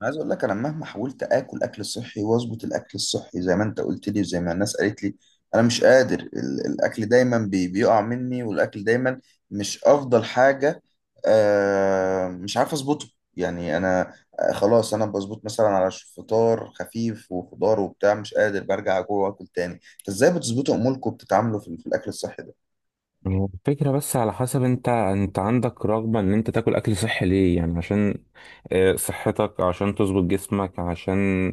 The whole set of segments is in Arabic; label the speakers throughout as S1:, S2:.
S1: أنا عايز اقول لك انا مهما حاولت اكل اكل صحي، واظبط الاكل الصحي زي ما انت قلت لي وزي ما الناس قالت لي. انا مش قادر الاكل دايما بيقع مني، والاكل دايما مش افضل حاجة. مش عارف اظبطه، يعني انا. خلاص انا بظبط مثلا على فطار خفيف وخضار وبتاع، مش قادر برجع جوه واكل تاني. فازاي بتظبطوا اموركم، بتتعاملوا في الاكل الصحي ده؟
S2: هو الفكرة بس على حسب انت عندك رغبة ان انت تاكل اكل صحي ليه؟ يعني عشان صحتك، عشان تظبط جسمك. عشان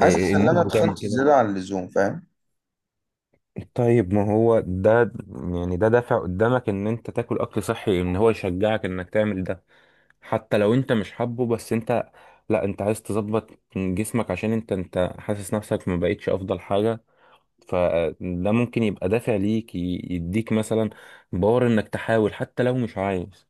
S1: ان
S2: الناس
S1: انا
S2: بتعمل
S1: اتخنت
S2: كده.
S1: زيادة عن اللزوم، فاهم؟
S2: طيب، ما هو ده، يعني ده دافع قدامك ان انت تاكل اكل صحي، ان هو يشجعك انك تعمل ده حتى لو انت مش حابه. بس انت، لا انت عايز تظبط جسمك عشان انت حاسس نفسك ما بقتش افضل حاجة. فده ممكن يبقى دافع ليك، يديك مثلا باور انك تحاول حتى لو مش عايز.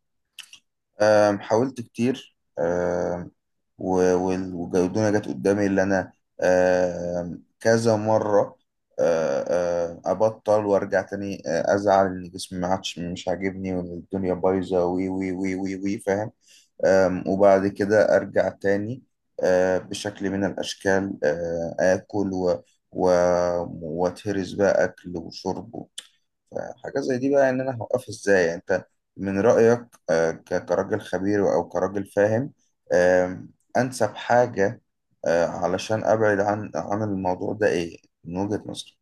S1: حاولت كتير، والجدولة جت قدامي اللي أنا كذا مرة. أه، أه، أبطل وأرجع تاني، أزعل إن جسمي ما عادش مش عاجبني، وإن الدنيا بايظة، وي وي وي وي وي، فاهم؟ وبعد كده أرجع تاني، بشكل من الأشكال آكل و وأتهرس بقى أكل وشرب. فحاجات زي دي بقى، ان انا هوقفها ازاي، يعني انت من رأيك كراجل خبير او كراجل فاهم، آم، انسب حاجة علشان ابعد عن الموضوع ده ايه، من وجهة نظرك؟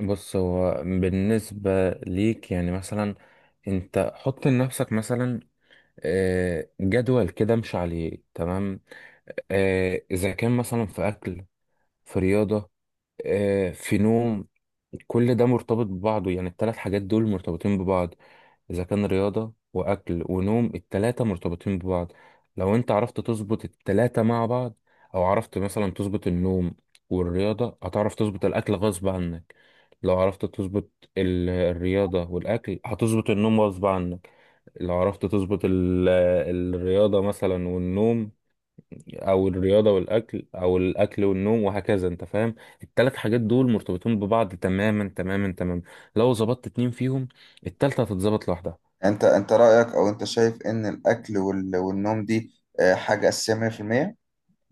S2: بص، هو بالنسبة ليك يعني مثلا انت حط لنفسك مثلا جدول كده امشي عليه، تمام. اذا كان مثلا في اكل، في رياضة، في نوم، كل ده مرتبط ببعضه. يعني الثلاث حاجات دول مرتبطين ببعض. إذا كان رياضة وأكل ونوم، التلاتة مرتبطين ببعض. لو أنت عرفت تظبط التلاتة مع بعض، أو عرفت مثلا تظبط النوم والرياضة، هتعرف تظبط الأكل غصب عنك. لو عرفت تظبط الرياضة والأكل، هتظبط النوم غصب عنك. لو عرفت تظبط الرياضة مثلا والنوم، او الرياضه والاكل، او الاكل والنوم، وهكذا. انت فاهم؟ الثلاث حاجات دول مرتبطين ببعض تماما تماما تماما. لو ظبطت اتنين فيهم، التالتة هتتظبط لوحدها.
S1: يعني انت رأيك، او انت شايف ان الاكل والنوم دي حاجة اساسية 100%؟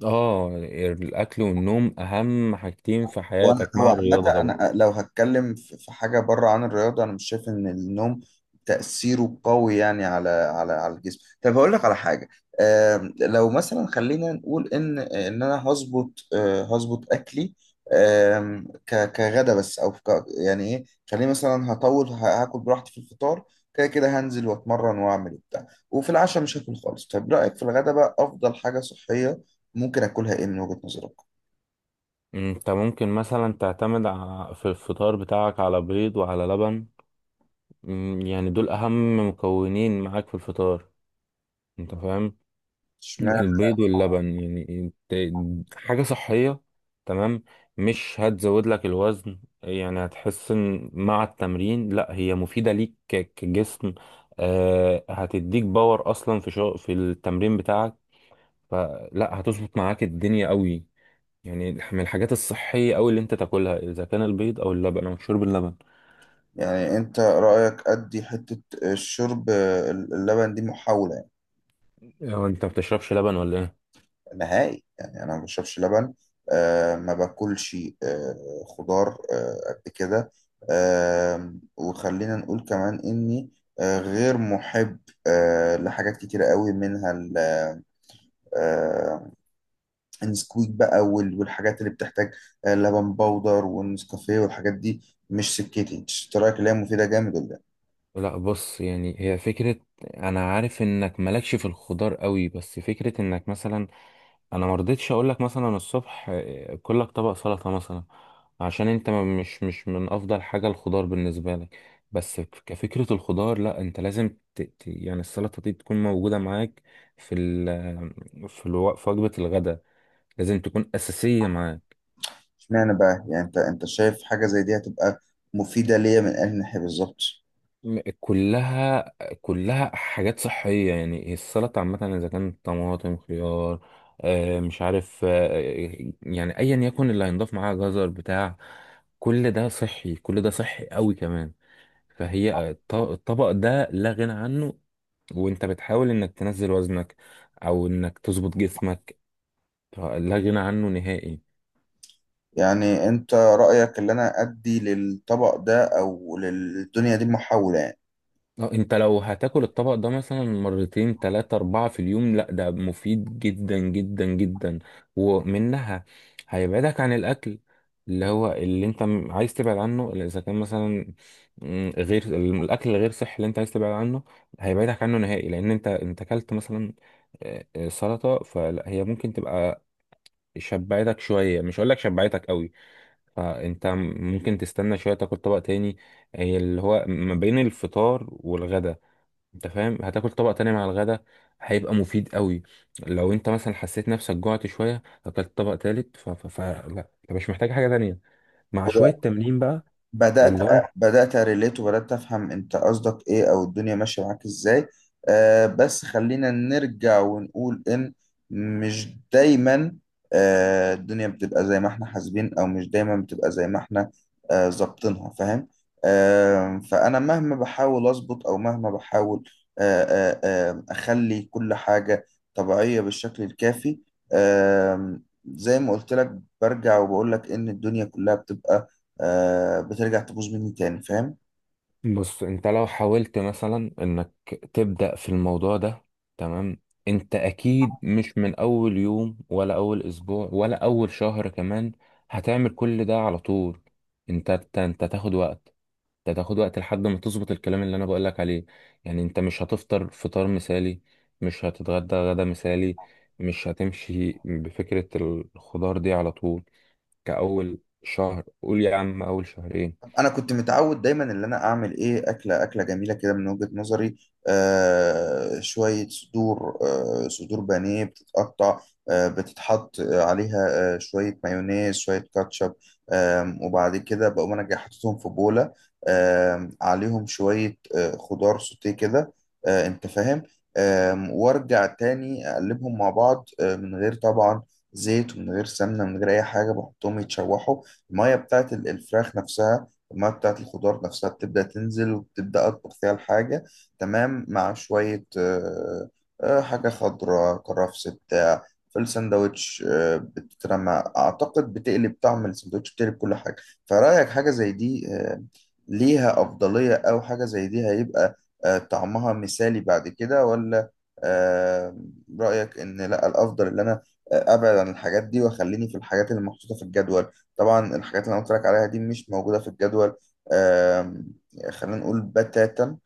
S2: اه، الاكل والنوم اهم حاجتين في
S1: وانا
S2: حياتك
S1: هو
S2: مع
S1: عامة،
S2: الرياضه طبعا.
S1: انا لو هتكلم في حاجة بره عن الرياضة، انا مش شايف ان النوم تأثيره قوي، يعني على الجسم. طب هقول لك على حاجة. لو مثلا خلينا نقول ان انا هظبط اكلي، كغدا بس او يعني ايه. خليني مثلا هطول هاكل براحتي في الفطار، كده كده هنزل واتمرن واعمل وبتاع، وفي العشاء مش هاكل خالص. طب رأيك في الغدا بقى، افضل حاجة صحية ممكن اكلها ايه من وجهة نظرك؟
S2: انت ممكن مثلا تعتمد في الفطار بتاعك على بيض وعلى لبن. يعني دول اهم مكونين معاك في الفطار. انت فاهم، البيض واللبن يعني حاجة صحية. تمام. مش هتزود لك الوزن، يعني هتحس ان مع التمرين لا هي مفيدة ليك كجسم. هتديك باور اصلا في شغل في التمرين بتاعك. فلا، هتظبط معاك الدنيا قوي. يعني من الحاجات الصحية قوي اللي انت تاكلها اذا كان البيض او اللبن، او شرب اللبن.
S1: يعني انت رأيك ادي حتة الشرب اللبن دي محاولة يعني.
S2: هو انت ما بتشربش لبن ولا ايه؟
S1: نهائي، يعني انا ما بشربش لبن. ما باكلش خضار قد كده. وخلينا نقول كمان اني غير محب لحاجات كتيرة قوي، منها آه النسكويك بقى والحاجات اللي بتحتاج لبن بودر، والنسكافيه والحاجات دي، مش سكتي. انت رأيك اللي هي مفيدة جامد ولا؟
S2: لا، بص، يعني هي فكرة. انا عارف انك مالكش في الخضار قوي، بس فكرة انك مثلا، انا مرضتش اقولك مثلا الصبح كلك طبق سلطة مثلا، عشان انت مش من افضل حاجة الخضار بالنسبة لك. بس كفكرة الخضار، لا انت لازم يعني السلطة دي تكون موجودة معاك في ال... في الو... في وجبة الغداء. لازم تكون اساسية معاك.
S1: اشمعنى بقى، يعني انت شايف حاجة زي دي هتبقى مفيدة ليا من انهي ناحية بالظبط؟
S2: كلها، كلها حاجات صحية. يعني هي السلطة عامة، إذا كانت طماطم، خيار، مش عارف، يعني أيا يكن اللي هينضاف معاها، جزر بتاع. كل ده صحي، كل ده صحي قوي كمان. فهي الطبق ده لا غنى عنه. وأنت بتحاول إنك تنزل وزنك، أو إنك تظبط جسمك، لا غنى عنه نهائي.
S1: يعني انت رأيك اللي انا ادي للطبق ده او للدنيا دي محاولة.
S2: اه، انت لو هتاكل الطبق ده مثلا مرتين تلاتة اربعة في اليوم، لا ده مفيد جدا جدا جدا. ومنها، هيبعدك عن الاكل اللي هو، اللي انت عايز تبعد عنه. اللي اذا كان مثلا غير الاكل الغير صحي اللي انت عايز تبعد عنه، هيبعدك عنه نهائي. لان انت اكلت مثلا سلطة، فهي ممكن تبقى شبعتك شوية، مش هقول لك شبعتك قوي. فانت ممكن تستنى شوية تاكل طبق تاني، هي اللي هو ما بين الفطار والغدا. انت فاهم، هتاكل طبق تاني مع الغدا، هيبقى مفيد قوي. لو انت مثلا حسيت نفسك جوعت شويه اكلت طبق تالت، لا، انت مش محتاج حاجه تانية. مع شويه
S1: يعني
S2: تمرين بقى،
S1: بدأت
S2: اللي هو انت.
S1: بدأت أريليت، وبدأت أفهم أنت قصدك إيه، أو الدنيا ماشية معاك إزاي. بس خلينا نرجع ونقول إن مش دايما الدنيا بتبقى زي ما إحنا حاسبين، أو مش دايما بتبقى زي ما إحنا ظابطينها، فاهم؟ فأنا مهما بحاول أظبط، أو مهما بحاول أخلي كل حاجة طبيعية بالشكل الكافي، آه زي ما قلت لك. برجع وبقول لك إن الدنيا كلها بتبقى، بترجع تبوظ مني تاني، فاهم؟
S2: بص، انت لو حاولت مثلا انك تبدا في الموضوع ده، تمام. انت اكيد مش من اول يوم، ولا اول اسبوع، ولا اول شهر كمان هتعمل كل ده على طول. انت تاخد وقت. ده تاخد وقت لحد ما تظبط الكلام اللي انا بقولك عليه. يعني انت مش هتفطر فطار مثالي، مش هتتغدى غدا مثالي، مش هتمشي بفكرة الخضار دي على طول. كأول شهر، قول يا عم أول شهرين.
S1: انا كنت متعود دايما ان انا اعمل ايه، اكله اكله جميله كده من وجهة نظري، شويه صدور، صدور بانيه بتتقطع، بتتحط عليها شويه مايونيز شويه كاتشب. وبعد كده بقوم انا جاي حاططهم في بوله، عليهم شويه خضار سوتيه كده، انت فاهم. وارجع تاني اقلبهم مع بعض، من غير طبعا زيت، ومن غير سمنه، من غير اي حاجه، بحطهم يتشوحوا. الميه بتاعت الفراخ نفسها، المية بتاعت الخضار نفسها بتبدأ تنزل، وبتبدأ أطبخ فيها الحاجة، تمام، مع شوية حاجة خضراء، كرفس بتاع. في الساندوتش بتترمى، أعتقد بتقلب طعم الساندوتش، بتقلب كل حاجة. فرأيك حاجة زي دي ليها أفضلية، أو حاجة زي دي هيبقى طعمها مثالي بعد كده، ولا آه، رأيك إن لأ، الأفضل إن أنا أبعد عن الحاجات دي، وأخليني في الحاجات اللي محطوطة في الجدول؟ طبعا الحاجات اللي انا قلت لك عليها دي مش موجوده في الجدول، آم، خلينا نقول بتاتا.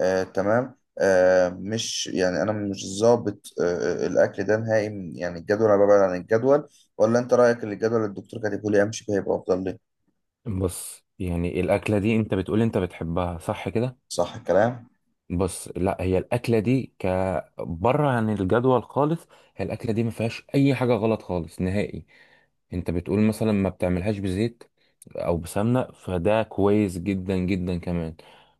S1: تمام، مش يعني، انا مش ظابط الاكل ده نهائي، يعني الجدول، انا ببعد عن الجدول. ولا انت رايك ان الجدول اللي الدكتور كاتبه لي امشي بيه هيبقى افضل لي؟
S2: بص يعني الأكلة دي انت بتقول انت بتحبها صح كده؟
S1: صح الكلام.
S2: بص، لا هي الاكله دي كبره عن الجدول خالص. هي الاكله دي ما فيهاش اي حاجه غلط خالص نهائي. انت بتقول مثلا ما بتعملهاش بزيت او بسمنه، فده كويس جدا جدا كمان.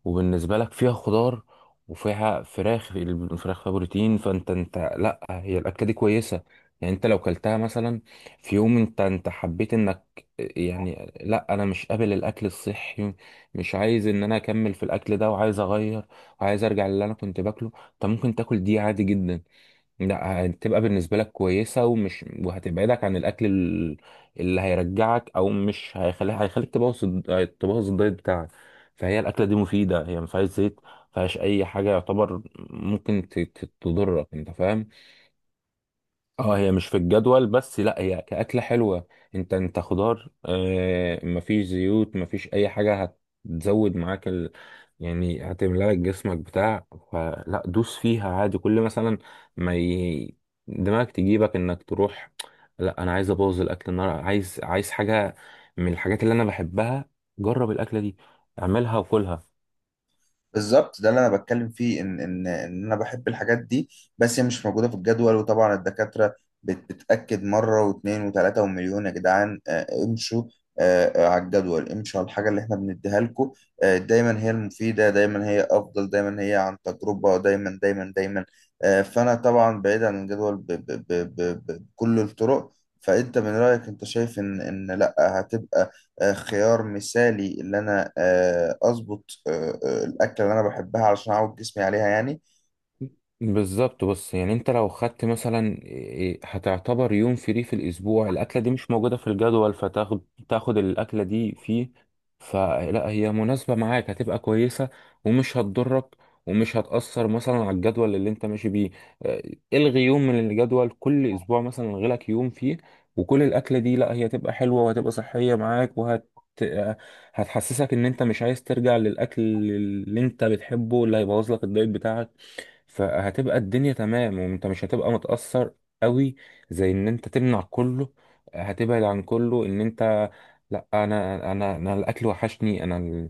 S2: وبالنسبه لك فيها خضار، وفيها فراخ. الفراخ فيها بروتين. فانت لا، هي الاكله دي كويسه. يعني انت لو كلتها مثلا في يوم، انت حبيت انك يعني لا انا مش قابل الاكل الصحي، مش عايز ان انا اكمل في الاكل ده، وعايز اغير، عايز ارجع للي انا كنت باكله. طب ممكن تاكل دي عادي جدا. لا، هتبقى بالنسبه لك كويسه، ومش وهتبعدك عن الاكل اللي هيرجعك، او مش هيخليك، هيخليك تبوظ تبوظ الدايت بتاعك. فهي الاكله دي مفيده، هي ما فيهاش زيت، ما فيهاش اي حاجه يعتبر ممكن تضرك. انت فاهم. اه، هي مش في الجدول بس، لا هي كأكلة حلوة. انت خضار، مفيش زيوت، مفيش اي حاجة. هتزود معاك يعني هتملى لك جسمك بتاع. فلا، دوس فيها عادي، كل مثلا ما دماغك تجيبك انك تروح، لا انا عايز ابوظ الاكل النهارده، عايز حاجة من الحاجات اللي انا بحبها. جرب الاكلة دي، اعملها وكلها.
S1: بالظبط ده اللي انا بتكلم فيه، ان انا بحب الحاجات دي، بس هي مش موجوده في الجدول. وطبعا الدكاتره بتاكد مره واثنين وثلاثه ومليون: يا جدعان امشوا على الجدول، امشوا على الحاجه اللي احنا بنديها لكم، دايما هي المفيده، دايما هي افضل، دايما هي عن تجربه، دايما دايما دايما. فانا طبعا بعيد عن الجدول بكل الطرق. فانت من رايك، انت شايف ان لا، هتبقى خيار مثالي، اللي انا اظبط الاكله اللي انا بحبها علشان اعود جسمي عليها يعني؟
S2: بالظبط. بص يعني انت لو خدت مثلا هتعتبر يوم فري في الاسبوع. الاكله دي مش موجوده في الجدول، فتاخد، تاخد الاكله دي فيه. فلا، هي مناسبه معاك، هتبقى كويسه ومش هتضرك، ومش هتاثر مثلا على الجدول اللي انت ماشي بيه. آه، الغي يوم من الجدول كل اسبوع مثلا، الغي لك يوم فيه. وكل الاكله دي، لا هي هتبقى حلوه وهتبقى صحيه معاك، وهت آه، هتحسسك ان انت مش عايز ترجع للاكل اللي انت بتحبه اللي هيبوظ لك الدايت بتاعك. فهتبقى الدنيا تمام، وانت مش هتبقى متأثر قوي. زي ان انت تمنع كله، هتبعد عن كله، ان انت لا، انا الاكل وحشني. انا ال-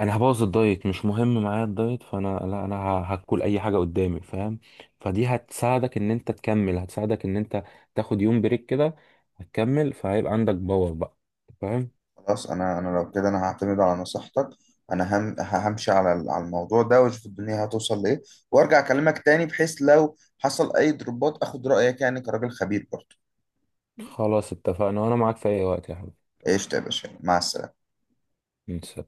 S2: انا هبوظ الدايت، مش مهم معايا الدايت، فانا لا انا هاكل اي حاجه قدامي، فاهم؟ فدي هتساعدك ان انت تكمل، هتساعدك ان انت تاخد يوم بريك كده، هتكمل. فهيبقى عندك باور بقى. فاهم؟
S1: خلاص، انا لو كده انا هعتمد على نصيحتك. انا همشي على الموضوع ده، واشوف الدنيا هتوصل لايه، وارجع اكلمك تاني، بحيث لو حصل اي ضربات اخد رايك، يعني كراجل خبير برضه.
S2: خلاص اتفقنا، وانا معاك في اي وقت يا
S1: ايش يا باشا، مع السلامه.
S2: حبيبي.